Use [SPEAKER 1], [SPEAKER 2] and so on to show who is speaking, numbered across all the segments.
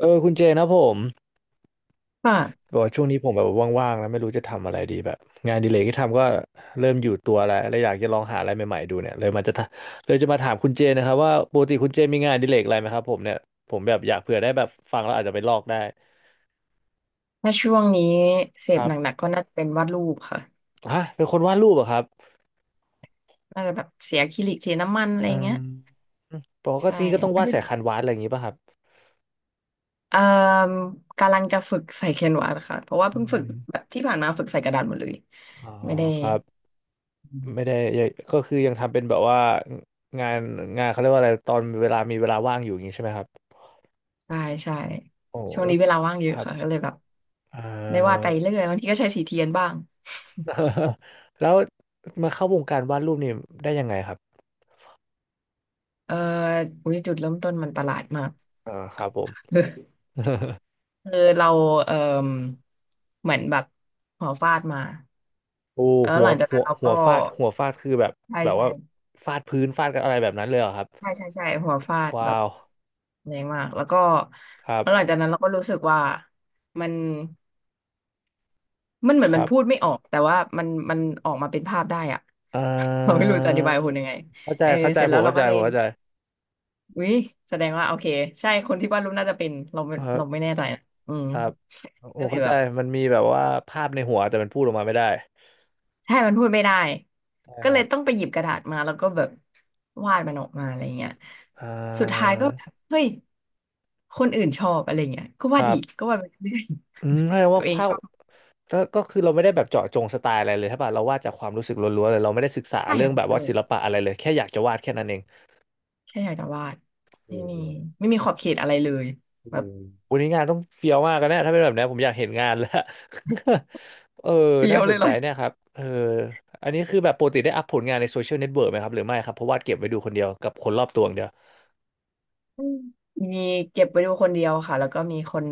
[SPEAKER 1] เออคุณเจนะผม
[SPEAKER 2] ค่ะ
[SPEAKER 1] บอกว่าช่วงนี้ผมแบบว่างๆแล้วไม่รู้จะทำอะไรดีแบบงานอดิเลกที่ทำก็เริ่มอยู่ตัวแล้วแล้วอยากจะลองหาอะไรใหม่ๆดูเนี่ยเลยจะมาถามคุณเจนะครับว่าปกติคุณเจมีงานอดิเลกอะไรไหมครับผมเนี่ยผมแบบอยากเผื่อได้แบบฟังแล้วอาจจะไปลอกได้
[SPEAKER 2] ถ้าช่วงนี้เส
[SPEAKER 1] ค
[SPEAKER 2] พ
[SPEAKER 1] รั
[SPEAKER 2] ห
[SPEAKER 1] บ
[SPEAKER 2] นักๆก็น่าจะเป็นวาดรูปค่ะ
[SPEAKER 1] ฮะเป็นคนวาดรูปเหรอครับ
[SPEAKER 2] น่าจะแบบเสียอะคริลิกเทน้ำมันอะไร
[SPEAKER 1] อื
[SPEAKER 2] เงี้ย
[SPEAKER 1] มปก
[SPEAKER 2] ใช่
[SPEAKER 1] ติก็ต้อง
[SPEAKER 2] ไม่
[SPEAKER 1] วาด
[SPEAKER 2] ได้
[SPEAKER 1] สายคันวาดอะไรอย่างงี้ป่ะครับ
[SPEAKER 2] เอ่มกำลังจะฝึกใส่แคนวาสค่ะเพราะว่า
[SPEAKER 1] อื
[SPEAKER 2] เพิ่งฝึก
[SPEAKER 1] ม
[SPEAKER 2] แบบที่ผ่านมาฝึกใส่กระดาษหมดเลย
[SPEAKER 1] อ๋อ
[SPEAKER 2] ไม่ได้
[SPEAKER 1] ครับ
[SPEAKER 2] อื
[SPEAKER 1] ไม่
[SPEAKER 2] ม
[SPEAKER 1] ได้ยังก็คือยังทำเป็นแบบว่างานงานเขาเรียกว่าอะไรตอนเวลามีเวลาว่างอยู่อย่างงี้ใช่ไหมครับ
[SPEAKER 2] ใช่ใช่
[SPEAKER 1] โอ้
[SPEAKER 2] ช่วง
[SPEAKER 1] แล้ว
[SPEAKER 2] นี้เวลาว่างเย
[SPEAKER 1] ค
[SPEAKER 2] อะ
[SPEAKER 1] รับ
[SPEAKER 2] ค่ะก็เลยแบบ
[SPEAKER 1] เอ่
[SPEAKER 2] ได้วาด
[SPEAKER 1] อ
[SPEAKER 2] ไปเรื่อยบางทีก็ใช้สีเทียนบ้าง
[SPEAKER 1] แล้วมาเข้าวงการวาดรูปนี่ได้ยังไงครับ
[SPEAKER 2] เอ่ออุยจุดเริ่มต้นมันประหลาดมาก
[SPEAKER 1] อ่าครับผม
[SPEAKER 2] คือเราเอ่มเหมือนแบบหัวฟาดมา
[SPEAKER 1] โอ้
[SPEAKER 2] แล้ว
[SPEAKER 1] หั
[SPEAKER 2] ห
[SPEAKER 1] ว
[SPEAKER 2] ลังจาก
[SPEAKER 1] หั
[SPEAKER 2] นั้
[SPEAKER 1] ว
[SPEAKER 2] นเรา
[SPEAKER 1] หั
[SPEAKER 2] ก็
[SPEAKER 1] วฟาดหัวฟาดคือแบบ
[SPEAKER 2] ใช่
[SPEAKER 1] แบบ
[SPEAKER 2] ใช่
[SPEAKER 1] ว่าฟาดพื้นฟาดกันอะไรแบบนั้นเลยเหรอครับ
[SPEAKER 2] ใช่ใช่ใช่หัวฟาดแบ
[SPEAKER 1] ว้า
[SPEAKER 2] บ
[SPEAKER 1] ว
[SPEAKER 2] แรงมากแล้วก็
[SPEAKER 1] ครับ
[SPEAKER 2] แล้วหลังจากนั้นเราก็รู้สึกว่ามันมันเหมือ
[SPEAKER 1] ค
[SPEAKER 2] นมั
[SPEAKER 1] รั
[SPEAKER 2] น
[SPEAKER 1] บ
[SPEAKER 2] พูดไม่ออกแต่ว่ามันออกมาเป็นภาพได้อะ
[SPEAKER 1] เอ่
[SPEAKER 2] เราไม่
[SPEAKER 1] อ
[SPEAKER 2] รู้จะอธิบายคุณยังไง
[SPEAKER 1] เข้าใจ
[SPEAKER 2] เออ
[SPEAKER 1] เข้าใจ
[SPEAKER 2] เสร็จ
[SPEAKER 1] ผ
[SPEAKER 2] แล้
[SPEAKER 1] ม
[SPEAKER 2] วเรา
[SPEAKER 1] เข้าใจ
[SPEAKER 2] ก็เล
[SPEAKER 1] ผ
[SPEAKER 2] ย
[SPEAKER 1] มเข้าใจ
[SPEAKER 2] วิแสดงว่าโอเคใช่คนที่วาดรูปน่าจะเป็นเราไม่
[SPEAKER 1] ครั
[SPEAKER 2] เราไม่
[SPEAKER 1] บ
[SPEAKER 2] แน่ใจนะอืม
[SPEAKER 1] ครับโอ้
[SPEAKER 2] ก็เลย
[SPEAKER 1] เข้า
[SPEAKER 2] แบ
[SPEAKER 1] ใจ
[SPEAKER 2] บ
[SPEAKER 1] มันมีแบบว่าภาพในหัวแต่มันพูดออกมาไม่ได้
[SPEAKER 2] ใช่มันพูดไม่ได้
[SPEAKER 1] ใช่
[SPEAKER 2] ก็
[SPEAKER 1] ค
[SPEAKER 2] เล
[SPEAKER 1] รั
[SPEAKER 2] ย
[SPEAKER 1] บ
[SPEAKER 2] ต้องไปหยิบกระดาษมาแล้วก็แบบวาดมันออกมาอะไรเงี้ย
[SPEAKER 1] เอ่
[SPEAKER 2] สุดท้าย
[SPEAKER 1] อ
[SPEAKER 2] ก็แบบเฮ้ย คนอื่นชอบอะไรเงี้ยก็
[SPEAKER 1] ค
[SPEAKER 2] วาด
[SPEAKER 1] รั
[SPEAKER 2] อี
[SPEAKER 1] บ
[SPEAKER 2] กก็วาดไปเรื่อย
[SPEAKER 1] อืม แสดง
[SPEAKER 2] ๆตั
[SPEAKER 1] ว่า
[SPEAKER 2] วเอง
[SPEAKER 1] ภาพ
[SPEAKER 2] ชอบ
[SPEAKER 1] ก็ก็คือเราไม่ได้แบบเจาะจงสไตล์อะไรเลยใช่ป่ะเราวาดจากความรู้สึกล้วนๆเลยเราไม่ได้ศึกษา
[SPEAKER 2] ใช่
[SPEAKER 1] เรื่องแบ
[SPEAKER 2] ค่ะ
[SPEAKER 1] บ
[SPEAKER 2] ใช่
[SPEAKER 1] ว่าศิลปะอะไรเลยแค่อยากจะวาดแค่นั้นเอง
[SPEAKER 2] แค่อยากจะวาด
[SPEAKER 1] อื
[SPEAKER 2] ไม่มี
[SPEAKER 1] ม
[SPEAKER 2] ไม่มีขอบเขตอะไรเลย
[SPEAKER 1] อื
[SPEAKER 2] แบบ
[SPEAKER 1] มวันนี้งานต้องเฟี้ยวมากกันนะถ้าเป็นแบบนี้ผมอยากเห็นงานแล้ว เออ
[SPEAKER 2] เปรี
[SPEAKER 1] น่า
[SPEAKER 2] ยว
[SPEAKER 1] ส
[SPEAKER 2] เลย
[SPEAKER 1] น
[SPEAKER 2] เหร
[SPEAKER 1] ใจ
[SPEAKER 2] อ
[SPEAKER 1] เนี่ยครับเอออันนี้คือแบบปกติได้อัพผลงานในโซเชียลเน็ตเวิร์กไหมครับหรือไม่ครับเพราะวาดเก็บไว้ดูคนเดียวกับคนรอบตัวอย่างเดียว
[SPEAKER 2] อืมมีเก็บไว้ดูคนเดียวค่ะแล้วก็มีคน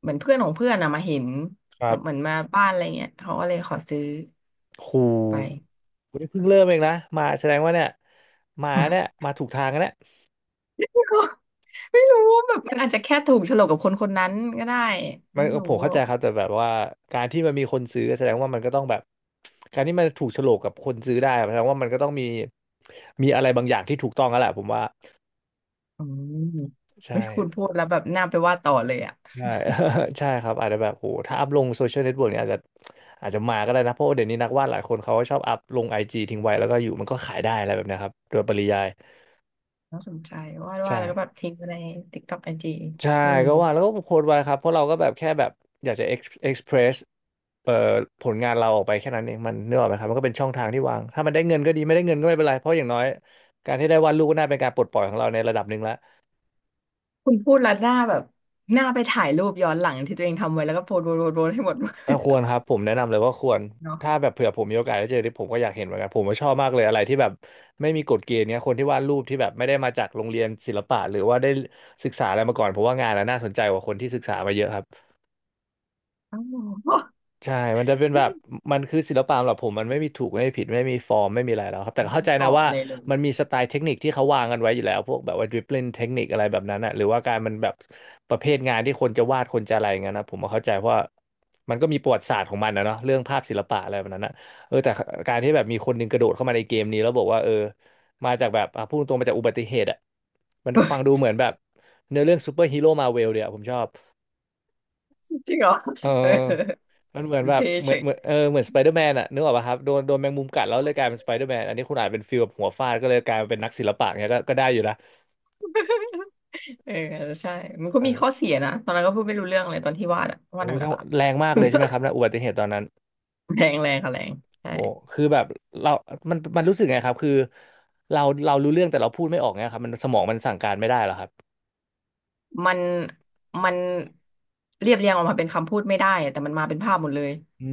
[SPEAKER 2] เหมือนเพื่อนของเพื่อนอะมาเห็น
[SPEAKER 1] ค
[SPEAKER 2] แบ
[SPEAKER 1] รั
[SPEAKER 2] บเหมือ
[SPEAKER 1] บ
[SPEAKER 2] นมาบ้านอะไรเงี้ยเขาก็เลยขอซื้อ
[SPEAKER 1] ครู
[SPEAKER 2] ไป
[SPEAKER 1] วันนี้เพิ่งเริ่มเองนะมาแสดงว่าเนี่ยมาเนี่ย มาถูกทางกันแล้ว
[SPEAKER 2] ก็ไม่รู้แบบมันอาจจะแค่ถูกโฉลกกับคนคนนั้นก็ได้
[SPEAKER 1] มัน
[SPEAKER 2] ไม่รู้
[SPEAKER 1] ผมเข้าใจครับแต่แบบว่าการที่มันมีคนซื้อแสดงว่ามันก็ต้องแบบการที่มันถูกโฉลกกับคนซื้อได้แสดงว่ามันก็ต้องมีมีอะไรบางอย่างที่ถูกต้องแล้วแหละผมว่า
[SPEAKER 2] อืม
[SPEAKER 1] ใช่
[SPEAKER 2] ไม่คุณพูดแล้วแบบน่าไปวาดต่อเลยอะ
[SPEAKER 1] ใช่ ใช่ครับอาจจะแบบโหถ้าอัพลงโซเชียลเน็ตเวิร์กเนี่ยอาจจะอาจจะมาก็ได้นะเพราะว่าเดี๋ยวนี้นักวาดหลายคนเขาก็ชอบอัพลงไอจีทิ้งไว้แล้วก็อยู่มันก็ขายได้อะไรแบบเนี้ยครับโดยปริยาย
[SPEAKER 2] น่าสนใจวาดวาด
[SPEAKER 1] ใช่
[SPEAKER 2] แล้วก็แบบทิ้งไว้ในติ๊กต็อกไอจี
[SPEAKER 1] ใช่
[SPEAKER 2] อืม
[SPEAKER 1] ก็ว่าแล้วก็โพสต์ไว้ครับเพราะเราก็แบบแค่แบบอยากจะเอ็กซ์เพรสเอ่อผลงานเราออกไปแค่นั้นเองมันเนื้อออกไหมครับมันก็เป็นช่องทางที่วางถ้ามันได้เงินก็ดีไม่ได้เงินก็ไม่เป็นไรเพราะอย่างน้อยการที่ได้วาดรูปก็น่าเป็นการปลดปล่อยของเราในระดับหนึ่งแล้ว
[SPEAKER 2] คุณพูดแล้วหน้าแบบหน้าไปถ่ายรูปย้อนหลังที่ตัวเองทำไว้แล้วก็โพสต์โพสต์โพสต์โพสต์ให้หมด
[SPEAKER 1] เออ ควรครับผมแนะนำเลยว่าควร
[SPEAKER 2] เนาะ
[SPEAKER 1] ถ้าแบบเผื่อผมมีโอกาสได้เจอที่ผมก็อยากเห็นเหมือนกันผมก็ชอบมากเลยอะไรที่แบบไม่มีกฎเกณฑ์เนี้ยคนที่วาดรูปที่แบบไม่ได้มาจากโรงเรียนศิลปะหรือว่าได้ศึกษาอะไรมาก่อนผมว่างานน่ะน่าสนใจกว่าคนที่ศึกษามาเยอะครับ
[SPEAKER 2] อ้าวไม
[SPEAKER 1] ใช่มันจะเป็นแบบ
[SPEAKER 2] ่
[SPEAKER 1] มันคือศิลปะสำหรับผมมันไม่มีถูกไม่มีผิดไม่มีฟอร์มไม่มีอะไรแล้วครับแต่
[SPEAKER 2] ไม่
[SPEAKER 1] เข้า
[SPEAKER 2] ได้
[SPEAKER 1] ใจ
[SPEAKER 2] กร
[SPEAKER 1] นะ
[SPEAKER 2] อบ
[SPEAKER 1] ว่า
[SPEAKER 2] อะไรเลย
[SPEAKER 1] มันมีสไตล์เทคนิคที่เขาวางกันไว้อยู่แล้วพวกแบบว่าดริบลิ่งเทคนิคอะไรแบบนั้นอะหรือว่าการมันแบบประเภทงานที่คนจะวาดคนจะอะไรอย่างเงี้ยนะผมก็เข้าใจเพราะว่ามันก็มีประวัติศาสตร์ของมันนะเนาะเรื่องภาพศิลปะอะไรแบบนั้นนะเออแต่การที่แบบมีคนหนึงกระโดดเข้ามาในเกมนี้แล้วบอกว่าเออมาจากแบบอ่ะพูดตรงๆมาจากอุบัติเหตุอะมันฟังดูเหมือนแบบเนื้อเรื่องซูเปอร์ฮีโร่มาเวลเลยอะผมชอบ
[SPEAKER 2] จริงเหรอ
[SPEAKER 1] เออ
[SPEAKER 2] เออ
[SPEAKER 1] มันเหมือนแบ
[SPEAKER 2] เท
[SPEAKER 1] บเห
[SPEAKER 2] เฉ
[SPEAKER 1] มือน
[SPEAKER 2] ย
[SPEAKER 1] เหมือนเหมือนสไปเดอร์แมนอะนึกออกป่ะครับโดนแมงมุมกัดแล้วเลยกลายเป็นสไปเดอร์แมนอันนี้คุณอาจเป็นฟิลแบบหัวฟาดก็เลยกลายมาเป็นนักศิลปะเนี้ยก็ได้อยู่นะ
[SPEAKER 2] เออใช่มันก็
[SPEAKER 1] เอ
[SPEAKER 2] มี
[SPEAKER 1] อ
[SPEAKER 2] ข้อเสียนะตอนนั้นก็พูดไม่รู้เรื่องเลยตอนที่วาดอะวา
[SPEAKER 1] โอ้
[SPEAKER 2] ดห
[SPEAKER 1] โหแสด
[SPEAKER 2] นั
[SPEAKER 1] ง
[SPEAKER 2] กๆ
[SPEAKER 1] ว่า
[SPEAKER 2] อะ
[SPEAKER 1] แรงมากเลยใช่ไหมครับนะอุบัติเหตุตอนนั้น
[SPEAKER 2] แรงแรงค่ะแรงใช่
[SPEAKER 1] โหคือแบบเรามันรู้สึกไงครับคือเรารู้เรื่องแต่เราพูดไม่ออกเนี้ยครับสมองมันสั่งการไม่ได้เหรอครับ
[SPEAKER 2] มันมันเรียบเรียงออกมาเป็นคำพูดไม่ได้อะแต่มันมาเป็นภาพหมดเลย
[SPEAKER 1] อื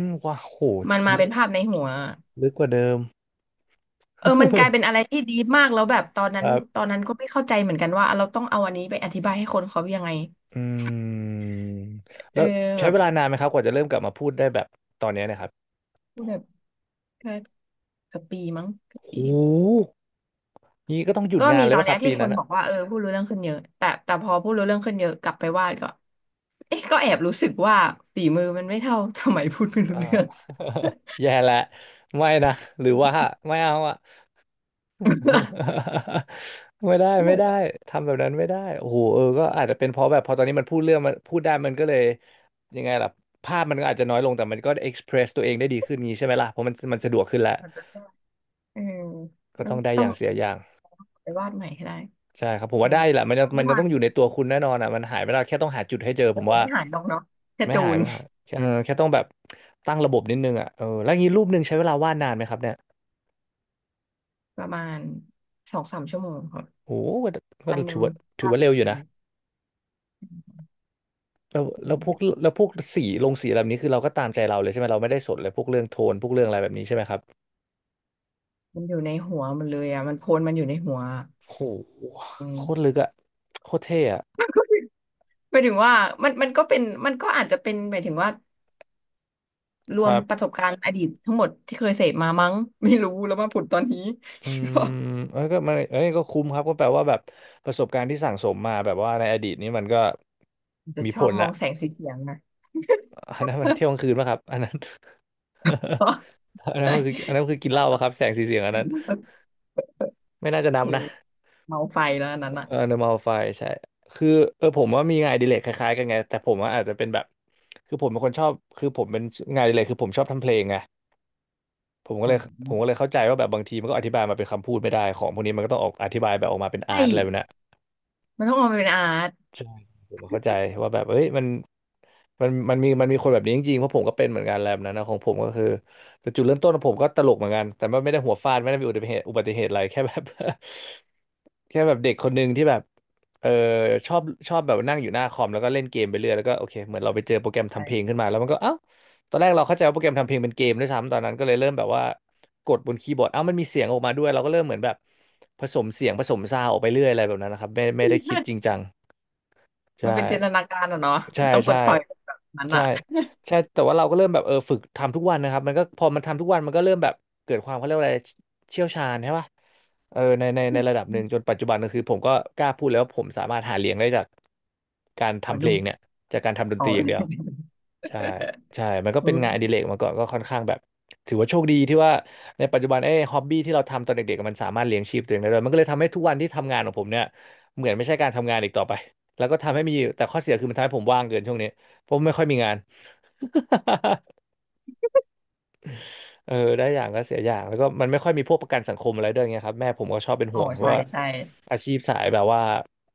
[SPEAKER 1] มว้าวโห
[SPEAKER 2] มันมา
[SPEAKER 1] ลึ
[SPEAKER 2] เป็น
[SPEAKER 1] ก
[SPEAKER 2] ภาพในหัว
[SPEAKER 1] ลึกกว่าเดิม
[SPEAKER 2] เออมันกลายเป็นอะไรที่ดีมากแล้วแบบตอน
[SPEAKER 1] ค
[SPEAKER 2] นั้น
[SPEAKER 1] รับ
[SPEAKER 2] ตอนนั้นก็ไม่เข้าใจเหมือนกันว่าเราต้องเอาอันนี้ไปอธิบายให้คนเขายังไง
[SPEAKER 1] อืม
[SPEAKER 2] เอ
[SPEAKER 1] แล้
[SPEAKER 2] อ
[SPEAKER 1] ว
[SPEAKER 2] แบ
[SPEAKER 1] ใช้
[SPEAKER 2] บ
[SPEAKER 1] เวลานานไหมครับกว่าจะเริ่มกลับมาพูดได้แบบตอนเนี้ยเนะครับ
[SPEAKER 2] พูดแบบแค่เกับปีมั้งเกับ
[SPEAKER 1] โ
[SPEAKER 2] ปี
[SPEAKER 1] ห นี้ก็ต้องหยุด
[SPEAKER 2] ก็
[SPEAKER 1] งาน
[SPEAKER 2] มี
[SPEAKER 1] เล
[SPEAKER 2] ต
[SPEAKER 1] ย
[SPEAKER 2] อน
[SPEAKER 1] ป่ะค
[SPEAKER 2] เนี้
[SPEAKER 1] รั
[SPEAKER 2] ย
[SPEAKER 1] บปี
[SPEAKER 2] ที่ค
[SPEAKER 1] นั้
[SPEAKER 2] น
[SPEAKER 1] น
[SPEAKER 2] บ
[SPEAKER 1] อ่ะ
[SPEAKER 2] อกว่าเออพูดรู้เรื่องขึ้นเยอะแต่พอพูดรู้เรื่องขึ้นเยอะกลับไปวาดก็เอ๊ะก็แอบรู้สึกว่าฝีมือมันไม่เท่า สมัยพูดไม่รู้
[SPEAKER 1] อ่า
[SPEAKER 2] เรื่อง
[SPEAKER 1] แย่และไม่นะหรือว่า ไม่เอาอ่ะ ไม่ได้
[SPEAKER 2] ส
[SPEAKER 1] ไม่
[SPEAKER 2] นุก
[SPEAKER 1] ได้
[SPEAKER 2] อ่ะ
[SPEAKER 1] ทำแบบนั้นไม่ได้โอ้โหเออก็อาจจะเป็นเพราะแบบพอตอนนี้มันพูดเรื่องมันพูดได้มันก็เลยยังไงล่ะภาพมันก็อาจจะน้อยลงแต่มันก็เอ็กซ์เพรสตัวเองได้ดีขึ้นงี้ใช่ไหมล่ะเพราะมันสะดวกขึ้นแล้ว
[SPEAKER 2] มันจะ ใช่เออ
[SPEAKER 1] ก็ต้องได้
[SPEAKER 2] ต้
[SPEAKER 1] อ
[SPEAKER 2] อง
[SPEAKER 1] ย่างเสียอย่าง
[SPEAKER 2] ไปวาดใหม่ให้ได้
[SPEAKER 1] ใช่ครับผม
[SPEAKER 2] เออ
[SPEAKER 1] ว่าได้แหละมันยังมัน
[SPEAKER 2] เมื่อ
[SPEAKER 1] ยัง
[SPEAKER 2] วา
[SPEAKER 1] ต้อ
[SPEAKER 2] น
[SPEAKER 1] งอยู่ในตัวคุณแน่นอนอ่ะมันหายไม่ได้แค่ต้องหาจุดให้เจอ
[SPEAKER 2] เอ
[SPEAKER 1] ผ
[SPEAKER 2] อ
[SPEAKER 1] มว่า
[SPEAKER 2] ไม่หายลงเนาะกระ
[SPEAKER 1] ไม่
[SPEAKER 2] จู
[SPEAKER 1] หาย
[SPEAKER 2] น
[SPEAKER 1] ไม่หายแค่แค่ต้องแบบตั้งระบบนิดนึงอ่ะเออแล้วงี้รูปหนึ่งใช้เวลาวาดนานไหมครับเนี่ย
[SPEAKER 2] ประมาณสองสามชั่วโมงค่ะ
[SPEAKER 1] โอ้โหก็
[SPEAKER 2] วันห
[SPEAKER 1] ถื
[SPEAKER 2] นึ่ง
[SPEAKER 1] อว่า ถือ
[SPEAKER 2] ว่า
[SPEAKER 1] ว่าเร็วอยู่นะแล้วพวกสีลงสีแบบนี้คือเราก็ตามใจเราเลยใช่ไหมเราไม่ได้สนเลยพวกเรื่องโทนพวกเรื่องอะไรแบบนี้ใช่ไหมครับ
[SPEAKER 2] มันอยู่ในหัวมันเลยอ่ะมันโพลมันอยู่ในหัวอะ
[SPEAKER 1] โอ้โห
[SPEAKER 2] อืม
[SPEAKER 1] โคตรลึกอ่ะโคตรเท่อ่ะ
[SPEAKER 2] หมายถึงว่ามันก็เป็นก็อาจจะเป็นหมายถึงว่าร
[SPEAKER 1] ค
[SPEAKER 2] วม
[SPEAKER 1] รับ
[SPEAKER 2] ประสบการณ์อดีตทั้งหมดที่เคยเสพมามั้งไม่รู้แล้วมาผุดตอนนี้
[SPEAKER 1] อื ม
[SPEAKER 2] ก็
[SPEAKER 1] เอ้ยก็มันเอ้ยก็คุ้มครับก็แปลว่าแบบประสบการณ์ที่สั่งสมมาแบบว่าในอดีตนี้มันก็
[SPEAKER 2] จะ
[SPEAKER 1] มี
[SPEAKER 2] ช
[SPEAKER 1] ผ
[SPEAKER 2] อบ
[SPEAKER 1] ล
[SPEAKER 2] มอง
[SPEAKER 1] อะ
[SPEAKER 2] แสงสีเสียงนะ
[SPEAKER 1] อันนั้นมันเที่ยวกลางคืนป่ะครับอันนั้น อันนั้น
[SPEAKER 2] ใช่
[SPEAKER 1] มันคืออันนั้นคือกิน เห
[SPEAKER 2] อัน
[SPEAKER 1] ล้า
[SPEAKER 2] นั้
[SPEAKER 1] ป่ะ
[SPEAKER 2] น
[SPEAKER 1] ครับ
[SPEAKER 2] ก็
[SPEAKER 1] แสงสีเสียงอันนั้น ไม่น่าจะนับ
[SPEAKER 2] คือ
[SPEAKER 1] นะ
[SPEAKER 2] เมาไฟแล้วอันนั้นอ่ะ
[SPEAKER 1] เออ normal file ใช่คือเออผมว่ามีงานอดิเรกคล้ายๆกันไง แต่ผมว่าอาจจะเป็นแบบ คือผมเป็นคนชอบคือผมเป็นงานอดิเรกคือผมชอบทำเพลงไงผมก็
[SPEAKER 2] อ๋
[SPEAKER 1] เล
[SPEAKER 2] อ
[SPEAKER 1] ยผมก็เลยเข้าใจว่าแบบบางทีมันก็อธิบายมาเป็นคำพูดไม่ได้ของพวกนี้มันก็ต้องออกอธิบายแบบออกมาเป็น
[SPEAKER 2] ใช
[SPEAKER 1] อาร์ตอะไรแบบ
[SPEAKER 2] ่
[SPEAKER 1] เนี้ย
[SPEAKER 2] มันต้องมองเป็นอาร์ต
[SPEAKER 1] ใช่ผมเข้าใจว่าแบบเอ้ยมันมันมีคนแบบนี้จริงๆเพราะผมก็เป็นเหมือนกันแล้วนันนะของผมก็คือแต่จุดเริ่มต้นของผมก็ตลกเหมือนกันแต่ว่าไม่ได้หัวฟาดไม่ได้มีอุบัติเหตุอะไร แค่แบบ แค่แบบเด็กคนหนึ่งที่แบบเออชอบชอบแบบนั่งอยู่หน้าคอมแล้วก็เล่นเกมไปเรื่อยแล้วก็โอเคเหมือนเราไปเจอโปรแกรมทำเพลง
[SPEAKER 2] ใช
[SPEAKER 1] ขึ้นมาแล้วมันก็เอ้าตอนแรกเราเข้าใจว่าโปรแกรมทำเพลงเป็นเกมด้วยซ้ำตอนนั้นก็เลยเริ่มแบบว่ากดบนคีย์บอร์ดเอ้ามันมีเสียงออกมาด้วยเราก็เริ่มเหมือนแบบผสมเสียงผสมซาวด์ออกไปเรื่อยอะไรแบบนั้นนะครับไม่ได้คิดจริง
[SPEAKER 2] ่
[SPEAKER 1] จัง
[SPEAKER 2] มัน
[SPEAKER 1] ใช่
[SPEAKER 2] เป็นจินตนาการอะเนาะ
[SPEAKER 1] ใช่
[SPEAKER 2] มันต้องปล
[SPEAKER 1] ใช่
[SPEAKER 2] ดปล่อยแบบนั้น
[SPEAKER 1] ใช่
[SPEAKER 2] อะ
[SPEAKER 1] ใช่ แต่ว่าเราก็เริ่มแบบเออฝึกทำทุกวันนะครับมันก็พอมันทำทุกวันมันก็เริ่มแบบเกิดความเขาเรียกว่าอะไรเชี่ยวชาญใช่ป่ะเออในระดับหนึ่งจนปัจจุบันก็คือผมก็กล้าพูดแล้วว่าผมสามารถหาเลี้ยงได้จากการ
[SPEAKER 2] ว่า
[SPEAKER 1] ทำเพล
[SPEAKER 2] ลูก
[SPEAKER 1] งเนี่ยจากการทำดน
[SPEAKER 2] อ๋อ
[SPEAKER 1] ตรีอย่าง เดียว ใช่ใช่มันก็
[SPEAKER 2] เฮ้
[SPEAKER 1] เป็นงาน
[SPEAKER 2] ย
[SPEAKER 1] อดิเรกมาก่อนก็ค่อนข้างแบบถือว่าโชคดีที่ว่าในปัจจุบันไอ้ฮอบบี้ที่เราทำตอนเด็กๆมันสามารถเลี้ยงชีพตัวเองได้ด้วยมันก็เลยทำให้ทุกวันที่ทำงานของผมเนี่ยเหมือนไม่ใช่การทำงานอีกต่อไป แล้วก็ทำให้มีแต่ข้อเสียคือมันทำให้ผมว่างเกินช่วงนี้ผมไม่ค่อยมีงาน เออได้อย่างก็เสียอย่างแล้วก็มันไม่ค่อยมีพวกประกันสังคมอะไรด้วยไงครับแม่ผมก็ชอบเป็น
[SPEAKER 2] อ๋
[SPEAKER 1] ห่
[SPEAKER 2] อ
[SPEAKER 1] วงเพราะ
[SPEAKER 2] ใช่
[SPEAKER 1] ว่า
[SPEAKER 2] ใช่
[SPEAKER 1] อาชีพสายแบบว่า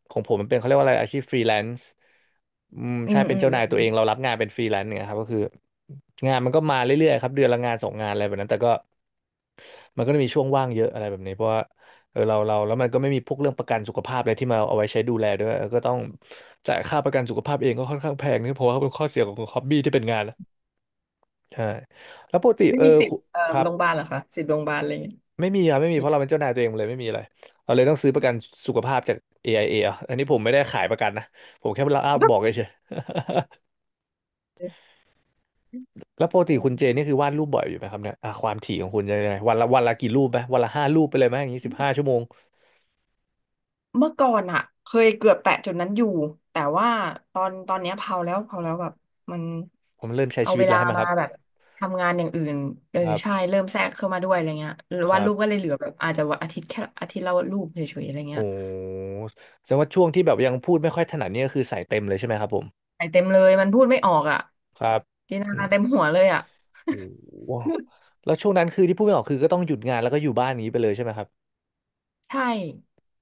[SPEAKER 1] ของผมมันเป็นเขาเรียกว่าอะไรอาชีพฟรีแลนซ์อืม
[SPEAKER 2] อื
[SPEAKER 1] ใช่
[SPEAKER 2] ม
[SPEAKER 1] เป็
[SPEAKER 2] อื
[SPEAKER 1] น
[SPEAKER 2] ม
[SPEAKER 1] เจ้านาย
[SPEAKER 2] อื
[SPEAKER 1] ตัว
[SPEAKER 2] ม
[SPEAKER 1] เองเรารับงานเป็นฟรีแลนซ์เนี่ยครับก็คืองานมันก็มาเรื่อยๆครับเดือนละงานสองงานอะไรแบบนั้นแต่ก็มันก็จะมีช่วงว่างเยอะอะไรแบบนี้เพราะว่าเออเราแล้วมันก็ไม่มีพวกเรื่องประกันสุขภาพอะไรที่มาเอาไว้ใช้ดูแลด้วยเออก็ต้องจ่ายค่าประกันสุขภาพเองก็ค่อนข้างแพงนี่เพราะว่าเป็นข้อเสียของฮอบบี้ที่เป็นงานนะใช่แล้วปกติ
[SPEAKER 2] ไม่
[SPEAKER 1] เออ
[SPEAKER 2] มีสิท
[SPEAKER 1] คุ
[SPEAKER 2] ธิ์
[SPEAKER 1] ครับ
[SPEAKER 2] โรงพยาบาลเหรอคะสิทธิ์โรงพยาบาลอะไรอย่างเงี้ย
[SPEAKER 1] ไม่มีครับไม่มี
[SPEAKER 2] มี
[SPEAKER 1] เพราะ
[SPEAKER 2] ไหม
[SPEAKER 1] เราเป็นเจ้านายตัวเองเลยไม่มีอะไรเราเลยต้องซื้อประกันสุขภาพจาก AIA อไอเออ่ะอันนี้ผมไม่ได้ขายประกันนะผมแค่เล่าบอกเฉยๆ แล้วปกติ
[SPEAKER 2] อื
[SPEAKER 1] คุณเจนี่
[SPEAKER 2] ม
[SPEAKER 1] คือวาดรูปบ่อยอยู่ไหมครับเนี่ยอ่ะความถี่ของคุณจะยังไงวันละกี่รูปไหมวันละ5 รูปไปเลยไหมอย่างนี้15 ชั่วโมง
[SPEAKER 2] เมื่อก่อนอะเคยเกือบแตะจุดนั้นอยู่แต่ว่าตอนเนี้ยเผาแล้วเผาแล้วแบบมัน
[SPEAKER 1] ผมเริ่มใช้
[SPEAKER 2] เอา
[SPEAKER 1] ชีวิ
[SPEAKER 2] เว
[SPEAKER 1] ตแล้
[SPEAKER 2] ลา
[SPEAKER 1] วใช่ไหมค
[SPEAKER 2] มา
[SPEAKER 1] รับ
[SPEAKER 2] แบบทำงานอย่างอื่นเออ
[SPEAKER 1] ครั
[SPEAKER 2] ใช่
[SPEAKER 1] บ
[SPEAKER 2] เริ่มแทรกเข้ามาด้วยอะไรเงี้ยหรือ
[SPEAKER 1] ค
[SPEAKER 2] ว่า
[SPEAKER 1] รับ
[SPEAKER 2] ลูกก็เลยเหลือแบบอาจจะวันอาทิตย์แค่อาทิตย์ละรูปเฉยๆอะไร
[SPEAKER 1] โอ้
[SPEAKER 2] เงี้ย
[SPEAKER 1] แสดงว่าช่วงที่แบบยังพูดไม่ค่อยถนัดเนี่ยก็คือใส่เต็มเลยใช่ไหมครับผม
[SPEAKER 2] ใส่เต็มเลยมันพูดไม่ออกอ่ะ
[SPEAKER 1] ครับ
[SPEAKER 2] จินตนา
[SPEAKER 1] อื
[SPEAKER 2] การ
[SPEAKER 1] ม
[SPEAKER 2] เต็มหัวเลยอ่ะ
[SPEAKER 1] โอ้โห แล้วช่วงนั้นคือที่พูดไม่ออกคือก็ต้องหยุดงานแล้วก็อยู่บ้านอย่างนี้ไปเลยใช่ไหมครับ
[SPEAKER 2] ใช่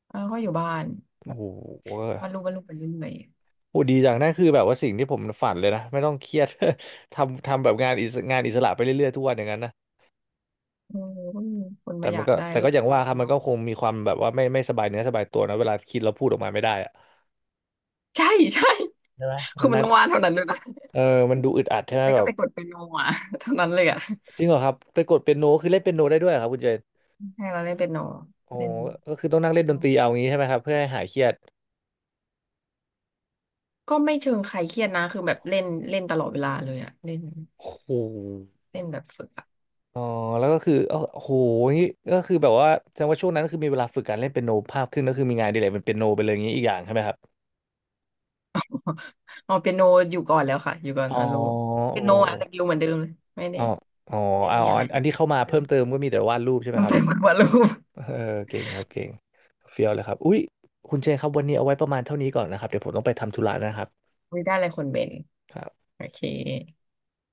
[SPEAKER 2] แล้วก็อยู่บ้านแบ
[SPEAKER 1] โอ้
[SPEAKER 2] บ
[SPEAKER 1] โห
[SPEAKER 2] วาดรูปวาดรูปไปเรื่อย
[SPEAKER 1] โหดีจังนั่นคือแบบว่าสิ่งที่ผมฝันเลยนะไม่ต้องเครียด ทำแบบงานอิสระไปเรื่อยๆทุกวันอย่างนั้นนะ
[SPEAKER 2] ๆโอ้ก็มีคน
[SPEAKER 1] แต่
[SPEAKER 2] มาอ
[SPEAKER 1] มั
[SPEAKER 2] ยา
[SPEAKER 1] น
[SPEAKER 2] ก
[SPEAKER 1] ก็
[SPEAKER 2] ได้
[SPEAKER 1] แต่
[SPEAKER 2] รู
[SPEAKER 1] ก็
[SPEAKER 2] ป
[SPEAKER 1] อย่างว่าครับมัน
[SPEAKER 2] เนาะ
[SPEAKER 1] ก็คงมีความแบบว่าไม่สบายเนื้อสบายตัวนะเวลาคิดแล้วพูดออกมาไม่ได้อะ
[SPEAKER 2] ใช่ใช่
[SPEAKER 1] ใช่ไหม มั
[SPEAKER 2] คือ
[SPEAKER 1] น
[SPEAKER 2] มัน
[SPEAKER 1] นั่น
[SPEAKER 2] ต้องวาดเท่านั้นด้วยนะ
[SPEAKER 1] เออมันดูอึดอัดใช่ไหม
[SPEAKER 2] แล้ว
[SPEAKER 1] แบ
[SPEAKER 2] ก็
[SPEAKER 1] บ
[SPEAKER 2] ไปกดเป็นโนอ่ะ เท่านั้นเลยอ่ะ
[SPEAKER 1] จริงเหรอครับไปกดเปียโนคือเล่นเปียโนได้ด้วยเหรอครับคุณเจน
[SPEAKER 2] ใช่เราเล่นเปียโน
[SPEAKER 1] โอ้
[SPEAKER 2] เล่น
[SPEAKER 1] ก็คือต้องนั่งเล่น
[SPEAKER 2] เปีย
[SPEAKER 1] ดน
[SPEAKER 2] โน
[SPEAKER 1] ตรีเอางี้ใช่ไหมครับเพื่อให้หายเครียด
[SPEAKER 2] ก็ไม่เชิงใครเครียดนะคือแบบเล่นเล่นตลอดเวลาเลยอ่ะเล่น
[SPEAKER 1] โอ้โห
[SPEAKER 2] เล่นแบบฝึกอ่ะ
[SPEAKER 1] อ๋อแล้วก็คือเอ้าโอ้โหงี้ก็คือแบบว่าแสดงว่าช่วงนั้นก็คือมีเวลาฝึกการเล่นเปียโนภาพขึ้นก็คือมีงานอดีเลยเป็นเปียโนไปเลยอย่างนี้อีกอย่างใช่ไหมครับ
[SPEAKER 2] อ๋อเปียโนอยู่ก่อนแล้วค่ะอยู่ก่อน
[SPEAKER 1] อ๋อ
[SPEAKER 2] อารูเปียโนอ่ะแต่อยู่เหมือ
[SPEAKER 1] โ
[SPEAKER 2] นเดิมเลยไม่
[SPEAKER 1] อ้
[SPEAKER 2] ได้
[SPEAKER 1] อ๋อ
[SPEAKER 2] ไม่
[SPEAKER 1] อ๋อ
[SPEAKER 2] มีอะไร
[SPEAKER 1] อันที่เข้ามา
[SPEAKER 2] เออ
[SPEAKER 1] เพิ่มเติมก็มีแต่วาดรูปใช่ไหม
[SPEAKER 2] ต้อง
[SPEAKER 1] ครั
[SPEAKER 2] ต
[SPEAKER 1] บ
[SPEAKER 2] มากว่ารูป
[SPEAKER 1] เออเก่งครับเก่งเฟี้ยวเลยครับอุ้ยคุณเจนครับวันนี้เอาไว้ประมาณเท่านี้ก่อนนะครับเดี๋ยวผมต้องไปทำธุระนะครับ
[SPEAKER 2] ไม่ได้อะไรคนเป็นโอเค